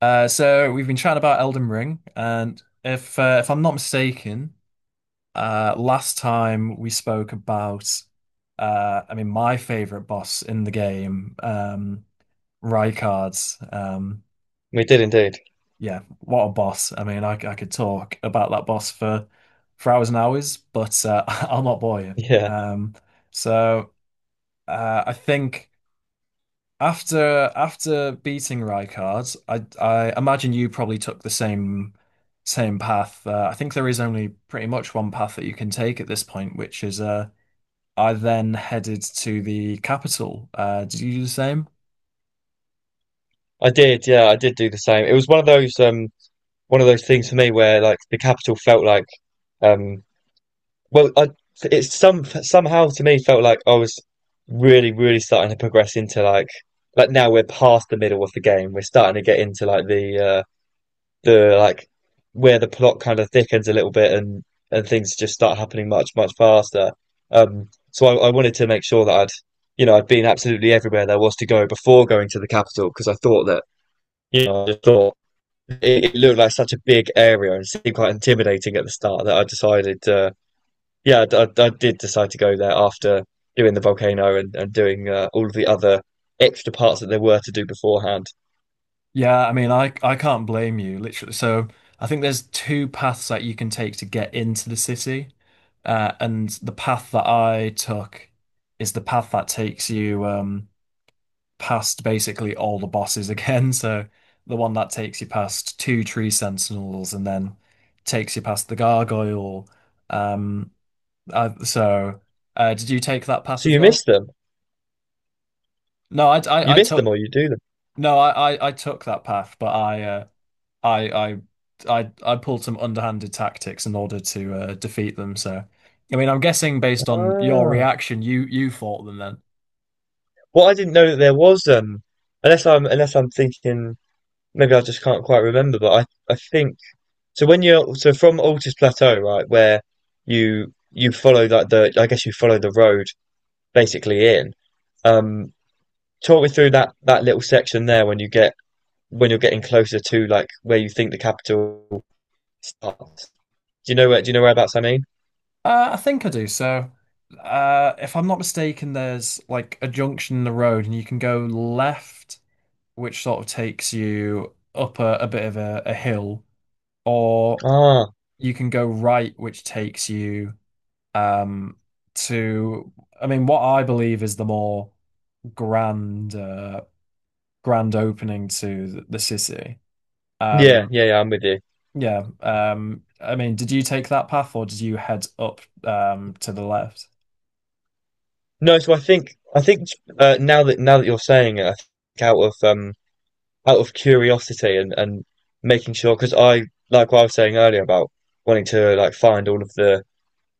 So we've been chatting about Elden Ring, and if I'm not mistaken, last time we spoke about, my favorite boss in the game, Rykard. Um, We did indeed. yeah, what a boss! I mean, I could talk about that boss for hours and hours, but I'll not bore you. Yeah, Um, so I think. After beating Rijkaard, I imagine you probably took the same same path. I think there is only pretty much one path that you can take at this point, which is I then headed to the capital. Did you do the same? I did. Yeah, I did do the same. It was one of those one of those things for me where like the capital felt like um well I it some somehow to me felt like I was really really starting to progress into like now we're past the middle of the game. We're starting to get into like where the plot kind of thickens a little bit and things just start happening much much faster. So I wanted to make sure that I'd you know I'd been absolutely everywhere there was to go before going to the capital because I thought that I just thought it looked like such a big area and seemed quite intimidating at the start that I decided, yeah, I did decide to go there after doing the volcano and, and doing all of the other extra parts that there were to do beforehand. Yeah, I mean I can't blame you, literally. So I think there's two paths that you can take to get into the city, and the path that I took is the path that takes you. Past basically all the bosses again. So the one that takes you past two tree sentinels and then takes you past the gargoyle. Um, I, so did you take that path So as you well? miss them. No, You I miss took them or you do them. no, I took that path, but I, I, I pulled some underhanded tactics in order to defeat them. So, I mean, I'm guessing based on your Ah. reaction, you fought them then. Well, I didn't know that there was, unless I'm thinking, maybe I just can't quite remember, but I think, so when you're, so from Altus Plateau, right, where you follow like the, I guess you follow the road basically in. Um, talk me through that little section there when you get when you're getting closer to like where you think the capital starts. Do you know where? Do you know whereabouts I mean? I think I do. So, if I'm not mistaken, there's like a junction in the road, and you can go left, which sort of takes you up a bit of a hill, or Ah, you can go right, which takes you um to, I mean, what I believe is the more grand, grand opening to the city. yeah, Um, yeah, yeah. I'm with you. yeah. I mean, did you take that path, or did you head up to the left? No, so I think now that you're saying it, I think out of curiosity and making sure because I like what I was saying earlier about wanting to like find all of the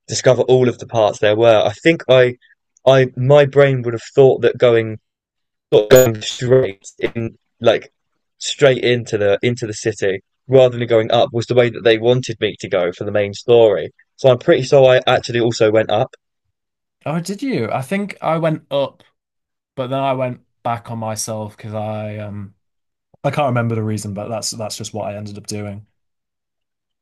discover all of the parts there were. I think I my brain would have thought that going not going straight in like straight into the city rather than going up was the way that they wanted me to go for the main story. So I'm pretty sure I actually also went up. Oh, did you? I think I went up, but then I went back on myself because I can't remember the reason, but that's just what I ended up doing.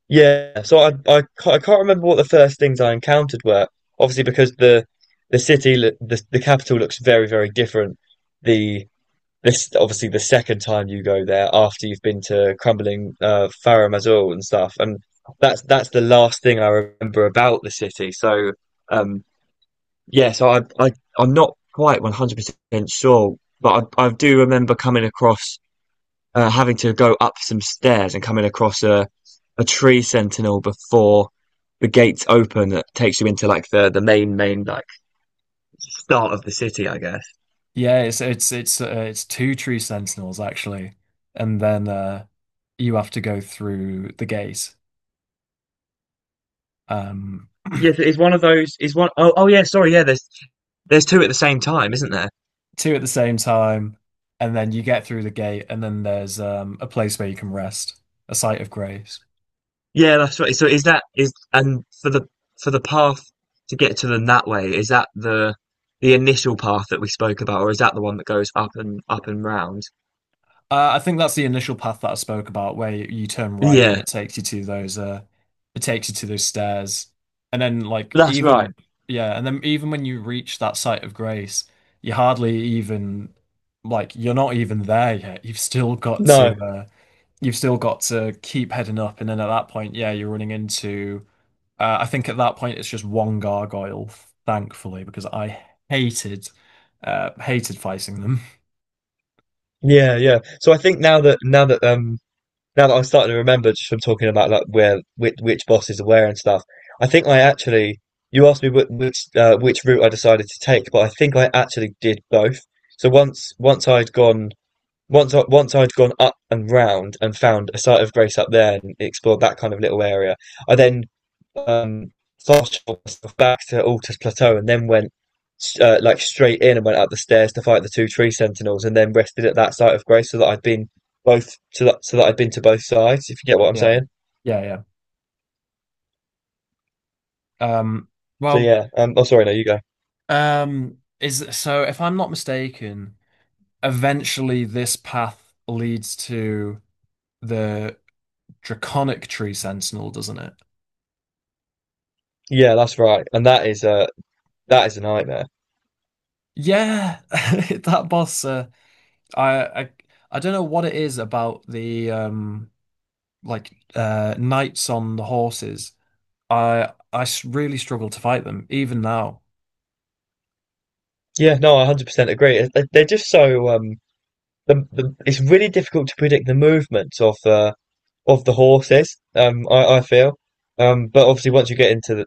Yeah. So I can't remember what the first things I encountered were. Obviously, because the city, the capital looks very very different. The this is obviously the second time you go there after you've been to crumbling Faro Mazur and stuff and that's the last thing I remember about the city, um so I'm not quite 100% sure, but I do remember coming across having to go up some stairs and coming across a tree sentinel before the gates open that takes you into like the main like start of the city I guess. Yeah, it's two tree sentinels actually, and then you have to go through the gate, um Yes, it's one of those. Is one oh oh yeah. Sorry, yeah. There's two at the same time, isn't there? two at the same time, and then you get through the gate, and then there's a place where you can rest, a site of grace. Yeah, that's right. So is that is and for the path to get to them that way, is that the initial path that we spoke about, or is that the one that goes up and up and round? I think that's the initial path that I spoke about, where you turn right and Yeah, it takes you to those it takes you to those stairs, and then like that's right. even yeah, and then even when you reach that site of grace, you hardly even like you're not even there yet. You've still got No. to you've still got to keep heading up, and then at that point, yeah, you're running into. I think at that point it's just one gargoyle, thankfully, because I hated hated fighting them. Yeah, yeah. So I think now that I'm starting to remember just from talking about like where which bosses are where and stuff, I think I actually you asked me which which route I decided to take, but I think I actually did both. So once I'd gone once I, once I'd gone up and round and found a site of grace up there and explored that kind of little area, I then um, fast traveled myself back to Altus Plateau and then went like straight in and went up the stairs to fight the two tree sentinels and then rested at that site of grace so that I'd been both so that so that I'd been to both sides, if you get what I'm Yeah, saying. yeah, yeah. So well. yeah, oh sorry, no, you go. Is so if I'm not mistaken, eventually this path leads to the Draconic Tree Sentinel, doesn't it? Yeah, that's right, and that is a nightmare. Yeah, that boss. I, I I don't know what it is about the knights on the horses. Really struggle to fight them even now. Yeah, no, I 100% agree. They- They're just so it's really difficult to predict the movements of the horses. I feel, but obviously once you get into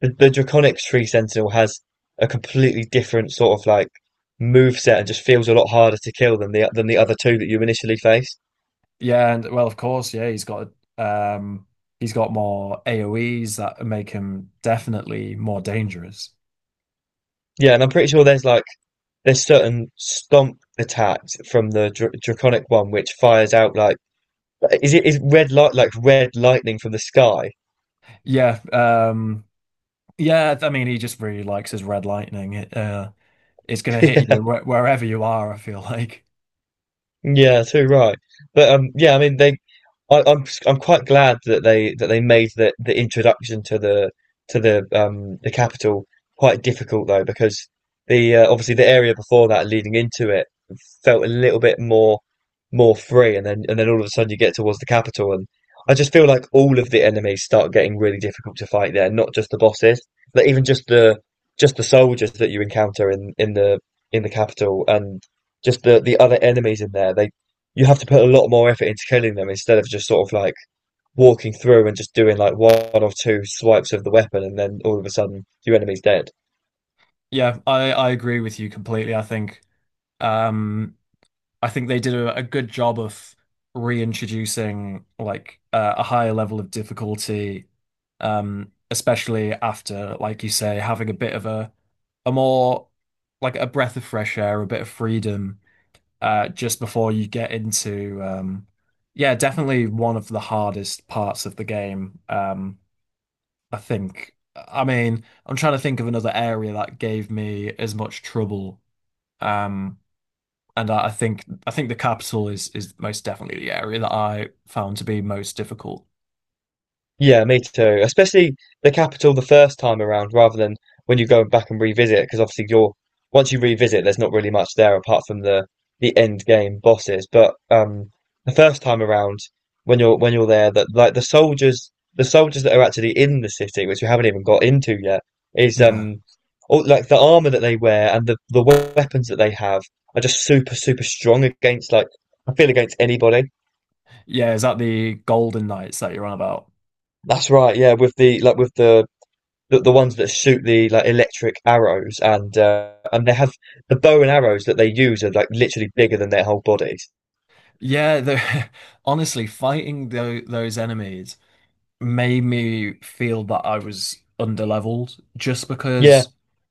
the Draconic Tree Sentinel has a completely different sort of like move set and just feels a lot harder to kill than the other two that you initially face. Yeah, and well, of course, yeah, um he's got more AoEs that make him definitely more dangerous. Yeah, and I'm pretty sure there's like there's certain stomp attacks from the dr Draconic one which fires out like is it is red light like red lightning from the sky? Yeah, um, yeah. I mean, he just really likes his red lightning. It's gonna hit Yeah, you wh wherever you are, I feel like. yeah, too right. But yeah, I mean they I'm quite glad that they made the introduction to the to the capital quite difficult though because the obviously the area before that leading into it felt a little bit more more free and then all of a sudden you get towards the capital and I just feel like all of the enemies start getting really difficult to fight there, not just the bosses. Like even just the soldiers that you encounter in the in the capital and just the other enemies in there, they you have to put a lot more effort into killing them instead of just sort of like walking through and just doing like one or two swipes of the weapon and then all of a sudden your enemy's dead. Yeah, I agree with you completely. Um, I think they did a good job of reintroducing like a higher level of difficulty, especially after, like you say, having a bit of a more like a breath of fresh air, a bit of freedom just before you get into yeah, definitely one of the hardest parts of the game. I think. I mean, I'm trying to think of another area that gave me as much trouble. Um, and I think the capital is most definitely the area that I found to be most difficult. Yeah, me too. Especially the capital the first time around, rather than when you go back and revisit, because obviously you're once you revisit, there's not really much there apart from the end game bosses. But the first time around, when you're there, that like the soldiers that are actually in the city, which we haven't even got into yet, is Nah. All, like the armor that they wear and the weapons that they have are just super super strong against like I feel against anybody. Yeah, is that the Golden Knights that you're on about? That's right, yeah. With the like with the ones that shoot the like electric arrows and, and they have the bow and arrows that they use are like literally bigger than their whole bodies. Yeah, the honestly, fighting those enemies. Made me feel that I was underleveled just Yeah, because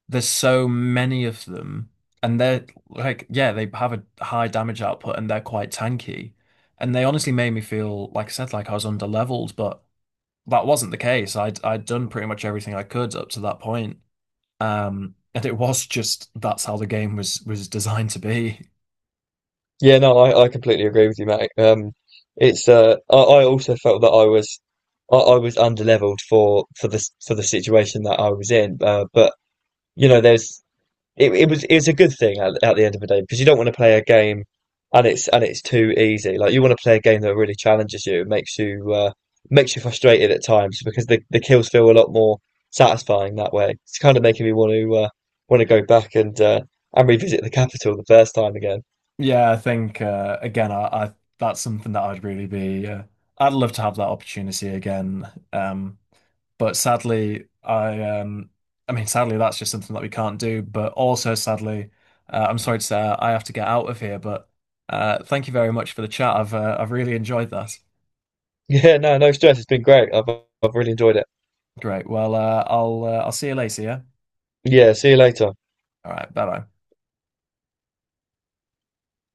there's so many of them and they're like yeah they have a high damage output and they're quite tanky and they honestly made me feel like I said like I was underleveled but that wasn't the case I'd done pretty much everything I could up to that point and it was just that's how the game was designed to be. yeah, no, I completely agree with you, mate. It's I also felt that I was I was underleveled for the situation that I was in, but you know, there's it was it was a good thing at the end of the day because you don't want to play a game and it's too easy. Like you want to play a game that really challenges you, makes you makes you frustrated at times because the kills feel a lot more satisfying that way. It's kind of making me want to go back and revisit the capital the first time again. Yeah, I think again, I that's something that I'd really be. I'd love to have that opportunity again. Um, but sadly, I mean, sadly, that's just something that we can't do. But also, sadly, I'm sorry to say, I have to get out of here. But thank you very much for the chat. I've really enjoyed that. Yeah, no, no stress. It's been great. I've really enjoyed it. Great. Well, I'll see you later. Yeah. Yeah, see you later. All right. Bye bye.